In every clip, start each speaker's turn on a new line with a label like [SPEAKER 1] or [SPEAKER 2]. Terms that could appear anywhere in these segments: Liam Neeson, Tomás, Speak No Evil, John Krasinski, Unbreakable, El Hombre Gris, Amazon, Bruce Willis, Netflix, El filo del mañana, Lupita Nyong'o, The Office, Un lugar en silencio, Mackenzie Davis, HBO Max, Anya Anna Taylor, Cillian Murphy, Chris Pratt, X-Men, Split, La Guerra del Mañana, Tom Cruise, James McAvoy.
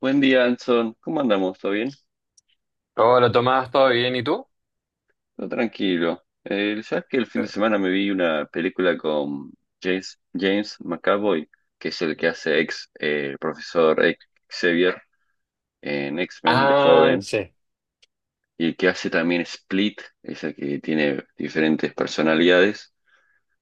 [SPEAKER 1] Buen día, Anson. ¿Cómo andamos? ¿Todo bien?
[SPEAKER 2] Hola Tomás, ¿todo bien? ¿Y tú?
[SPEAKER 1] Todo tranquilo. ¿Sabes que el fin de semana me vi una película con James McAvoy, que es el que hace ex profesor Xavier en X-Men de
[SPEAKER 2] Ah,
[SPEAKER 1] joven,
[SPEAKER 2] sí.
[SPEAKER 1] y que hace también Split, esa que tiene diferentes personalidades,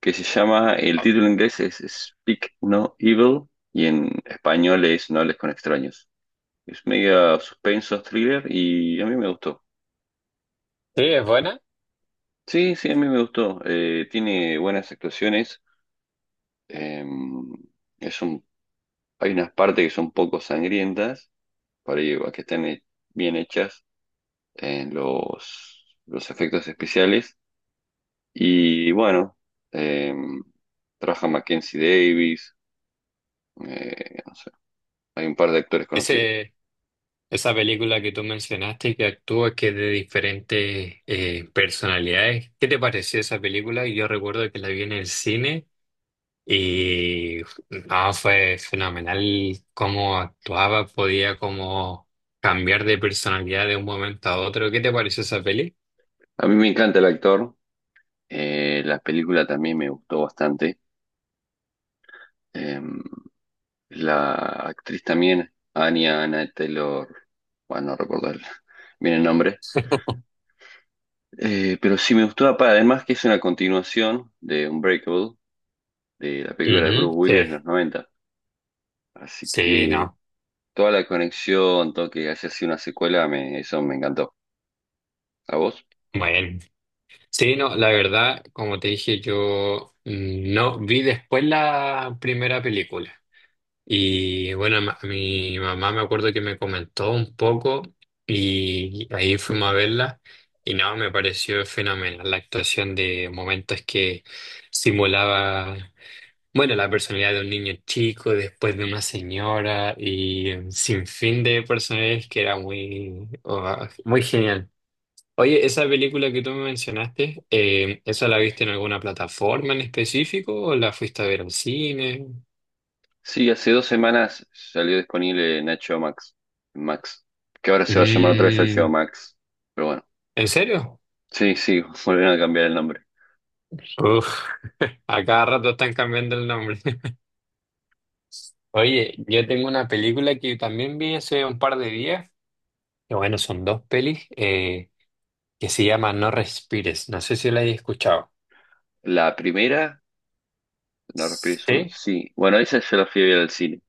[SPEAKER 1] que se llama, el título en inglés es Speak No Evil, y en español es No hables con extraños. Es media suspenso, thriller, y a mí me gustó.
[SPEAKER 2] Sí, es buena.
[SPEAKER 1] Sí, sí, a mí me gustó. Tiene buenas actuaciones. Eh, es un, hay unas partes que son poco sangrientas, por ahí que están bien hechas en los efectos especiales. Y bueno, eh, trabaja Mackenzie Davis, no sé, hay un par de actores conocidos.
[SPEAKER 2] Ese, esa película que tú mencionaste que actúa que es de diferentes personalidades. ¿Qué te pareció esa película? Yo recuerdo que la vi en el cine y no, fue fenomenal cómo actuaba, podía como cambiar de personalidad de un momento a otro. ¿Qué te pareció esa peli?
[SPEAKER 1] A mí me encanta el actor, la película también me gustó bastante. eh, La actriz también, Anya Anna Taylor, bueno, no recuerdo el- bien el nombre. Pero sí me gustó, apa, además que es una continuación de Unbreakable, de la película de
[SPEAKER 2] Ujú,
[SPEAKER 1] Bruce
[SPEAKER 2] sí,
[SPEAKER 1] Willis de los noventa. Así
[SPEAKER 2] sí,
[SPEAKER 1] que
[SPEAKER 2] no.
[SPEAKER 1] toda la conexión, todo que haya sido una secuela, eso me encantó. ¿A vos?
[SPEAKER 2] Bueno. Sí, no, la verdad, como te dije, yo no vi después la primera película. Y bueno, mi mamá me acuerdo que me comentó un poco y ahí fuimos a verla. Y no, me pareció fenomenal la actuación de momentos que simulaba, bueno, la personalidad de un niño chico, después de una señora y sin fin de personajes que era muy, oh, muy genial. Oye, esa película que tú me mencionaste, ¿esa la viste en alguna plataforma en específico o la fuiste a ver al cine?
[SPEAKER 1] Sí, hace dos semanas salió disponible en HBO Max, Max, que ahora se va a llamar otra vez HBO
[SPEAKER 2] Mm,
[SPEAKER 1] Max, pero bueno,
[SPEAKER 2] ¿en serio?
[SPEAKER 1] sí, sí, volvieron a cambiar el nombre.
[SPEAKER 2] Uf, a cada rato están cambiando el nombre. Oye, yo tengo una película que también vi hace un par de días, que bueno, son dos pelis, que se llama No Respires. No sé si la hayas escuchado.
[SPEAKER 1] La primera No respires uno.
[SPEAKER 2] Sí,
[SPEAKER 1] Sí. Bueno, esa yo la fui a ver al cine,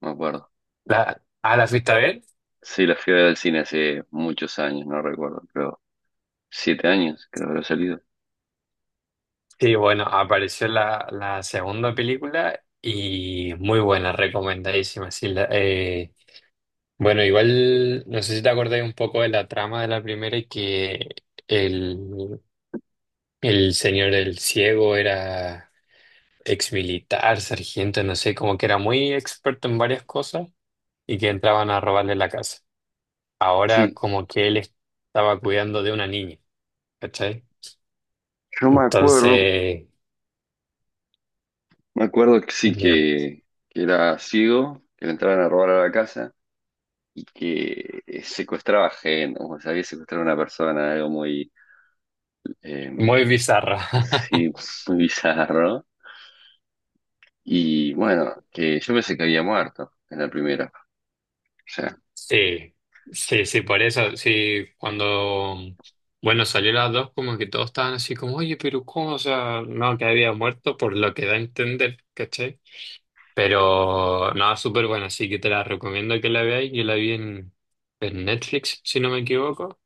[SPEAKER 1] me acuerdo.
[SPEAKER 2] la, ¿ah, la fuiste a ver?
[SPEAKER 1] Sí, la fui a ver al cine hace muchos años, no recuerdo, pero siete años creo que habrá salido.
[SPEAKER 2] Sí, bueno, apareció la segunda película y muy buena, recomendadísima. Sí, bueno, igual no sé si te acordáis un poco de la trama de la primera y que el, el señor el ciego era ex militar, sargento, no sé, como que era muy experto en varias cosas y que entraban a robarle la casa. Ahora
[SPEAKER 1] Sí,
[SPEAKER 2] como que él estaba cuidando de una niña, ¿cachai?
[SPEAKER 1] yo
[SPEAKER 2] Entonces,
[SPEAKER 1] me acuerdo que sí,
[SPEAKER 2] eh,
[SPEAKER 1] que era ciego, que le entraban a robar a la casa y que secuestraba gente, o sea, había secuestrado a una persona, algo muy, eh,
[SPEAKER 2] muy bizarra.
[SPEAKER 1] sí, muy bizarro. Y bueno, que yo pensé que había muerto en la primera. O sea,
[SPEAKER 2] Sí, sí, por eso, sí, cuando, bueno, salió las dos, como que todos estaban así como, oye, pero ¿cómo? O sea, no, que había muerto, por lo que da a entender, ¿cachai? Pero, no, súper buena, así que te la recomiendo que la veáis, yo la vi en Netflix, si no me equivoco,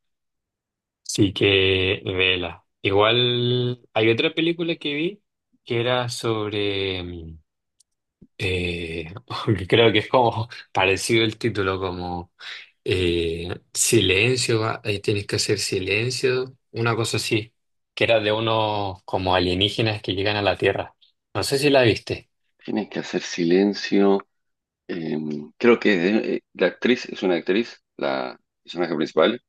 [SPEAKER 2] así que vela. Igual, hay otra película que vi que era sobre, eh, creo que es como parecido el título, como silencio, ah, ahí tienes que hacer silencio, una cosa así, que era de unos como alienígenas que llegan a la Tierra. No sé si la viste.
[SPEAKER 1] tienes que hacer silencio. Eh, creo que la actriz es una actriz, la personaje principal.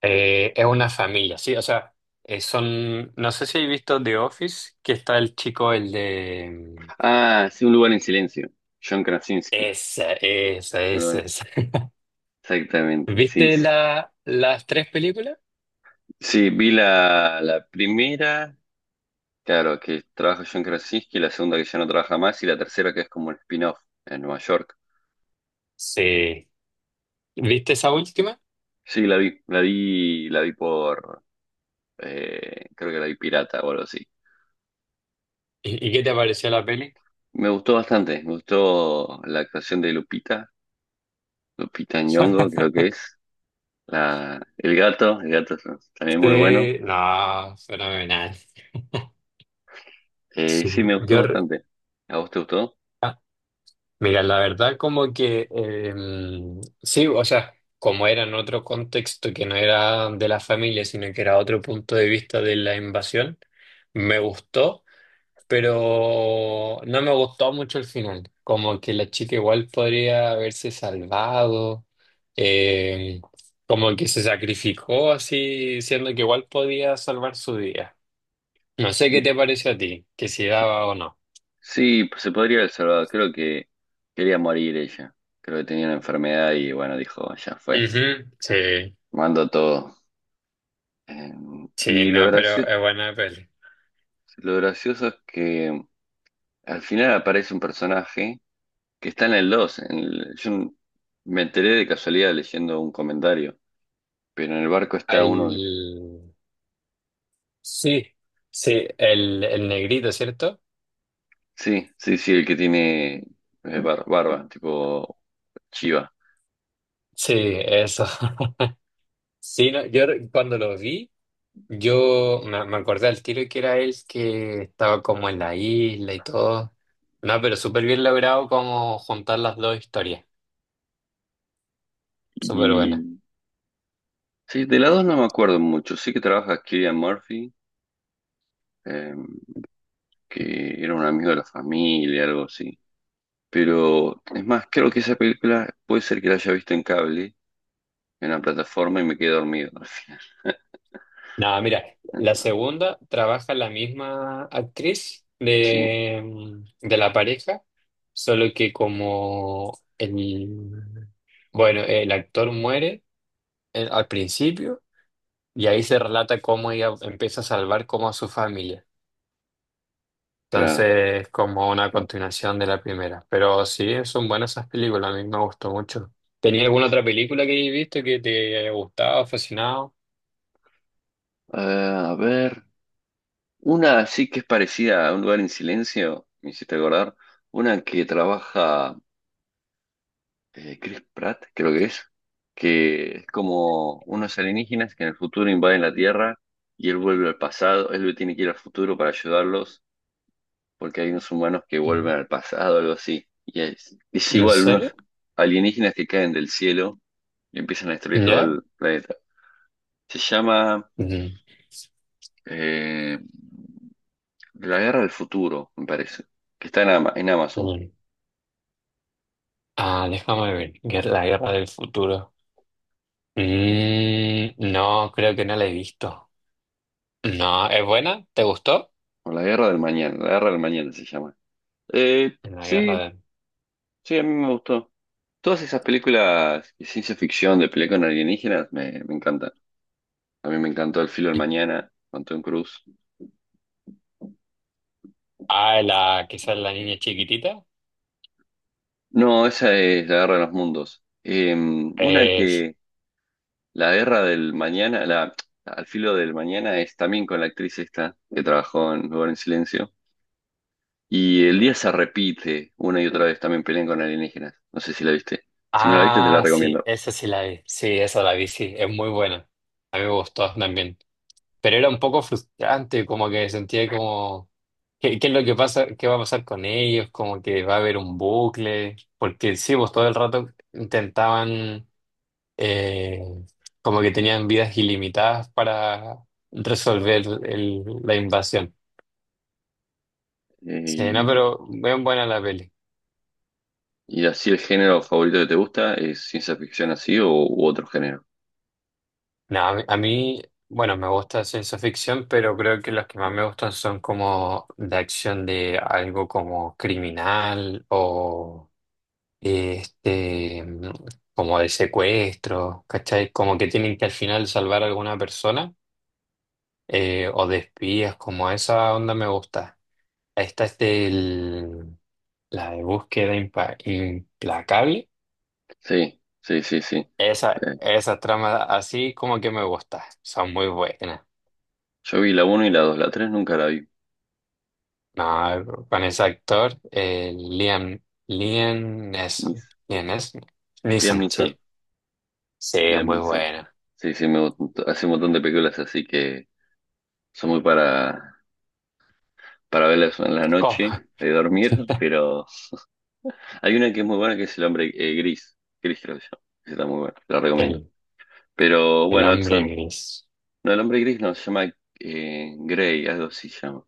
[SPEAKER 2] Es una familia, sí, o sea, son, no sé si has visto The Office, que está el chico, el de...
[SPEAKER 1] Ah, sí, Un lugar en silencio. John Krasinski.
[SPEAKER 2] Esa,
[SPEAKER 1] Perdón.
[SPEAKER 2] esa.
[SPEAKER 1] Exactamente, sí.
[SPEAKER 2] ¿Viste
[SPEAKER 1] Sí,
[SPEAKER 2] las tres películas?
[SPEAKER 1] sí, vi la primera, claro, que trabaja John Krasinski, la segunda que ya no trabaja más, y la tercera que es como un spin-off en Nueva York.
[SPEAKER 2] Sí. ¿Viste esa última?
[SPEAKER 1] Sí, la vi, la vi, la vi por, creo que la vi pirata o algo así.
[SPEAKER 2] Y qué te pareció la peli?
[SPEAKER 1] Me gustó bastante, me gustó la actuación de Lupita, Lupita Nyong'o creo que es. El gato es también muy bueno.
[SPEAKER 2] Sí, no, fenomenal. Sí,
[SPEAKER 1] Sí, me gustó
[SPEAKER 2] yo,
[SPEAKER 1] bastante. ¿A vos te gustó?
[SPEAKER 2] Ah, mira, la verdad como que sí, o sea, como era en otro contexto que no era de la familia, sino que era otro punto de vista de la invasión, me gustó, pero no me gustó mucho el final. Como que la chica igual podría haberse salvado, em, como que se sacrificó así, siendo que igual podía salvar su día. No sé qué
[SPEAKER 1] Sí,
[SPEAKER 2] te parece a ti, que si
[SPEAKER 1] sí.
[SPEAKER 2] daba o no.
[SPEAKER 1] Sí, pues se podría haber salvado. Creo que quería morir ella. Creo que tenía una enfermedad y bueno, dijo, ya fue.
[SPEAKER 2] Ujú, sí.
[SPEAKER 1] Mando todo. Eh,
[SPEAKER 2] Sí,
[SPEAKER 1] y
[SPEAKER 2] no, pero es buena peli.
[SPEAKER 1] lo gracioso es que al final aparece un personaje que está en el 2 yo me enteré de casualidad leyendo un comentario, pero en el barco está uno.
[SPEAKER 2] El... Sí, sí, el negrito, ¿cierto?
[SPEAKER 1] Sí, sí, sí, el que tiene barba, tipo Chiva.
[SPEAKER 2] Sí, eso. Sí, no, yo re- cuando lo vi, yo me acordé al tiro que era él que estaba como en la isla y todo. No, pero súper bien logrado como juntar las dos historias. Súper buena.
[SPEAKER 1] Y sí, de la dos no me acuerdo mucho. Sí que trabaja Cillian Murphy, eh, que era un amigo de la familia, algo así. Pero es más, creo que esa película puede ser que la haya visto en cable, en una plataforma, y me quedé dormido al final.
[SPEAKER 2] No, mira, la segunda trabaja la misma actriz
[SPEAKER 1] Sí,
[SPEAKER 2] de, de la pareja, solo que como el, bueno, el actor muere al principio y ahí se relata cómo ella empieza a salvar como a su familia.
[SPEAKER 1] claro,
[SPEAKER 2] Entonces, como una
[SPEAKER 1] claro.
[SPEAKER 2] continuación de la primera. Pero sí, son buenas esas películas, a mí me gustó mucho. ¿Tenía alguna otra película que hayas visto que te haya gustado, fascinado?
[SPEAKER 1] Ah, a ver, una sí que es parecida a Un lugar en silencio, me hiciste acordar. Una que trabaja, Chris Pratt, creo que es como unos alienígenas que en el futuro invaden la Tierra y él vuelve al pasado, él tiene que ir al futuro para ayudarlos porque hay unos humanos que vuelven al pasado, algo así. Y es
[SPEAKER 2] ¿En
[SPEAKER 1] igual, unos
[SPEAKER 2] serio?
[SPEAKER 1] alienígenas que caen del cielo y empiezan a destruir todo
[SPEAKER 2] ¿Ya?
[SPEAKER 1] el planeta. Se llama
[SPEAKER 2] Mm.
[SPEAKER 1] eh, La Guerra del Futuro, me parece, que está en Amazon,
[SPEAKER 2] Ah, déjame ver. Guer- La guerra del futuro. Mm, no, creo que no la he visto. No, ¿es buena? ¿Te gustó?
[SPEAKER 1] o La Guerra del Mañana, La Guerra del Mañana se llama.
[SPEAKER 2] La guerra
[SPEAKER 1] Sí,
[SPEAKER 2] del...
[SPEAKER 1] sí, a mí me gustó. Todas esas películas de ciencia ficción, de pelea con alienígenas, me encantan. A mí me encantó El filo del mañana, con Tom Cruise.
[SPEAKER 2] Ah, la que sale la niña chiquitita.
[SPEAKER 1] No, esa es La guerra de los mundos. Una
[SPEAKER 2] Es...
[SPEAKER 1] que, La guerra del mañana, Al filo del mañana es también con la actriz esta, que trabajó en Lugar en Silencio. Y el día se repite una y otra vez, también pelean con alienígenas. No sé si la viste. Si no la viste, te la
[SPEAKER 2] Ah, sí,
[SPEAKER 1] recomiendo.
[SPEAKER 2] esa sí la vi. Sí, esa la vi, sí. Es muy buena. A mí me gustó también. Pero era un poco frustrante, como que sentía como, ¿qué, qué es lo que pasa? ¿Qué va a pasar con ellos? Como que va a haber un bucle, porque sí, pues todo el rato intentaban, eh, como que tenían vidas ilimitadas para resolver el- la invasión.
[SPEAKER 1] Eh,
[SPEAKER 2] Sí, no,
[SPEAKER 1] y,
[SPEAKER 2] pero bien buena la peli.
[SPEAKER 1] y así el género favorito que te gusta es ciencia ficción así o u otro género.
[SPEAKER 2] No, a mí, bueno, me gusta ciencia ficción, pero creo que las que más me gustan son como de acción de algo como criminal o... este, como de secuestros, ¿cachai? Como que tienen que al final salvar a alguna persona, o de espías, como esa onda me gusta. Esta es del, la de implacable.
[SPEAKER 1] Sí, sí, sí, sí.
[SPEAKER 2] Esa,
[SPEAKER 1] Eh,
[SPEAKER 2] esa trama así como que me gusta, son muy buenas.
[SPEAKER 1] yo vi la uno y la 2, la 3 nunca la vi.
[SPEAKER 2] No, con ese actor, Liam
[SPEAKER 1] Mis,
[SPEAKER 2] Neeson,
[SPEAKER 1] Liam
[SPEAKER 2] Neeson,
[SPEAKER 1] Neeson,
[SPEAKER 2] sí, sí, es
[SPEAKER 1] Liam
[SPEAKER 2] muy
[SPEAKER 1] Neeson.
[SPEAKER 2] bueno.
[SPEAKER 1] Sí, sí, hace un montón de películas así que son muy para verlas en la
[SPEAKER 2] ¿Cómo?
[SPEAKER 1] noche, de dormir, pero hay una que es muy buena que es El Hombre Gris. Gris creo que se llama. Esa está muy buena, la recomiendo.
[SPEAKER 2] El-
[SPEAKER 1] Pero
[SPEAKER 2] El
[SPEAKER 1] bueno,
[SPEAKER 2] hambre
[SPEAKER 1] Hudson,
[SPEAKER 2] gris.
[SPEAKER 1] no, El Hombre Gris no, se llama Grey, algo así se llama.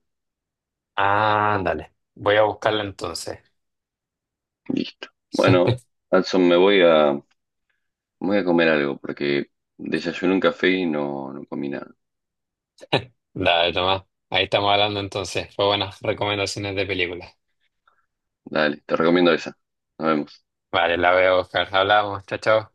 [SPEAKER 2] Ándale. Voy a buscarla entonces.
[SPEAKER 1] Listo. Bueno, Hudson, me voy a comer algo porque desayuné un café y no, no comí nada.
[SPEAKER 2] Dale, Tomás. Ahí estamos hablando entonces. Fue buenas recomendaciones de películas.
[SPEAKER 1] Dale, te recomiendo esa. Nos vemos.
[SPEAKER 2] Vale, la voy a buscar. Hablamos. Chao, chao.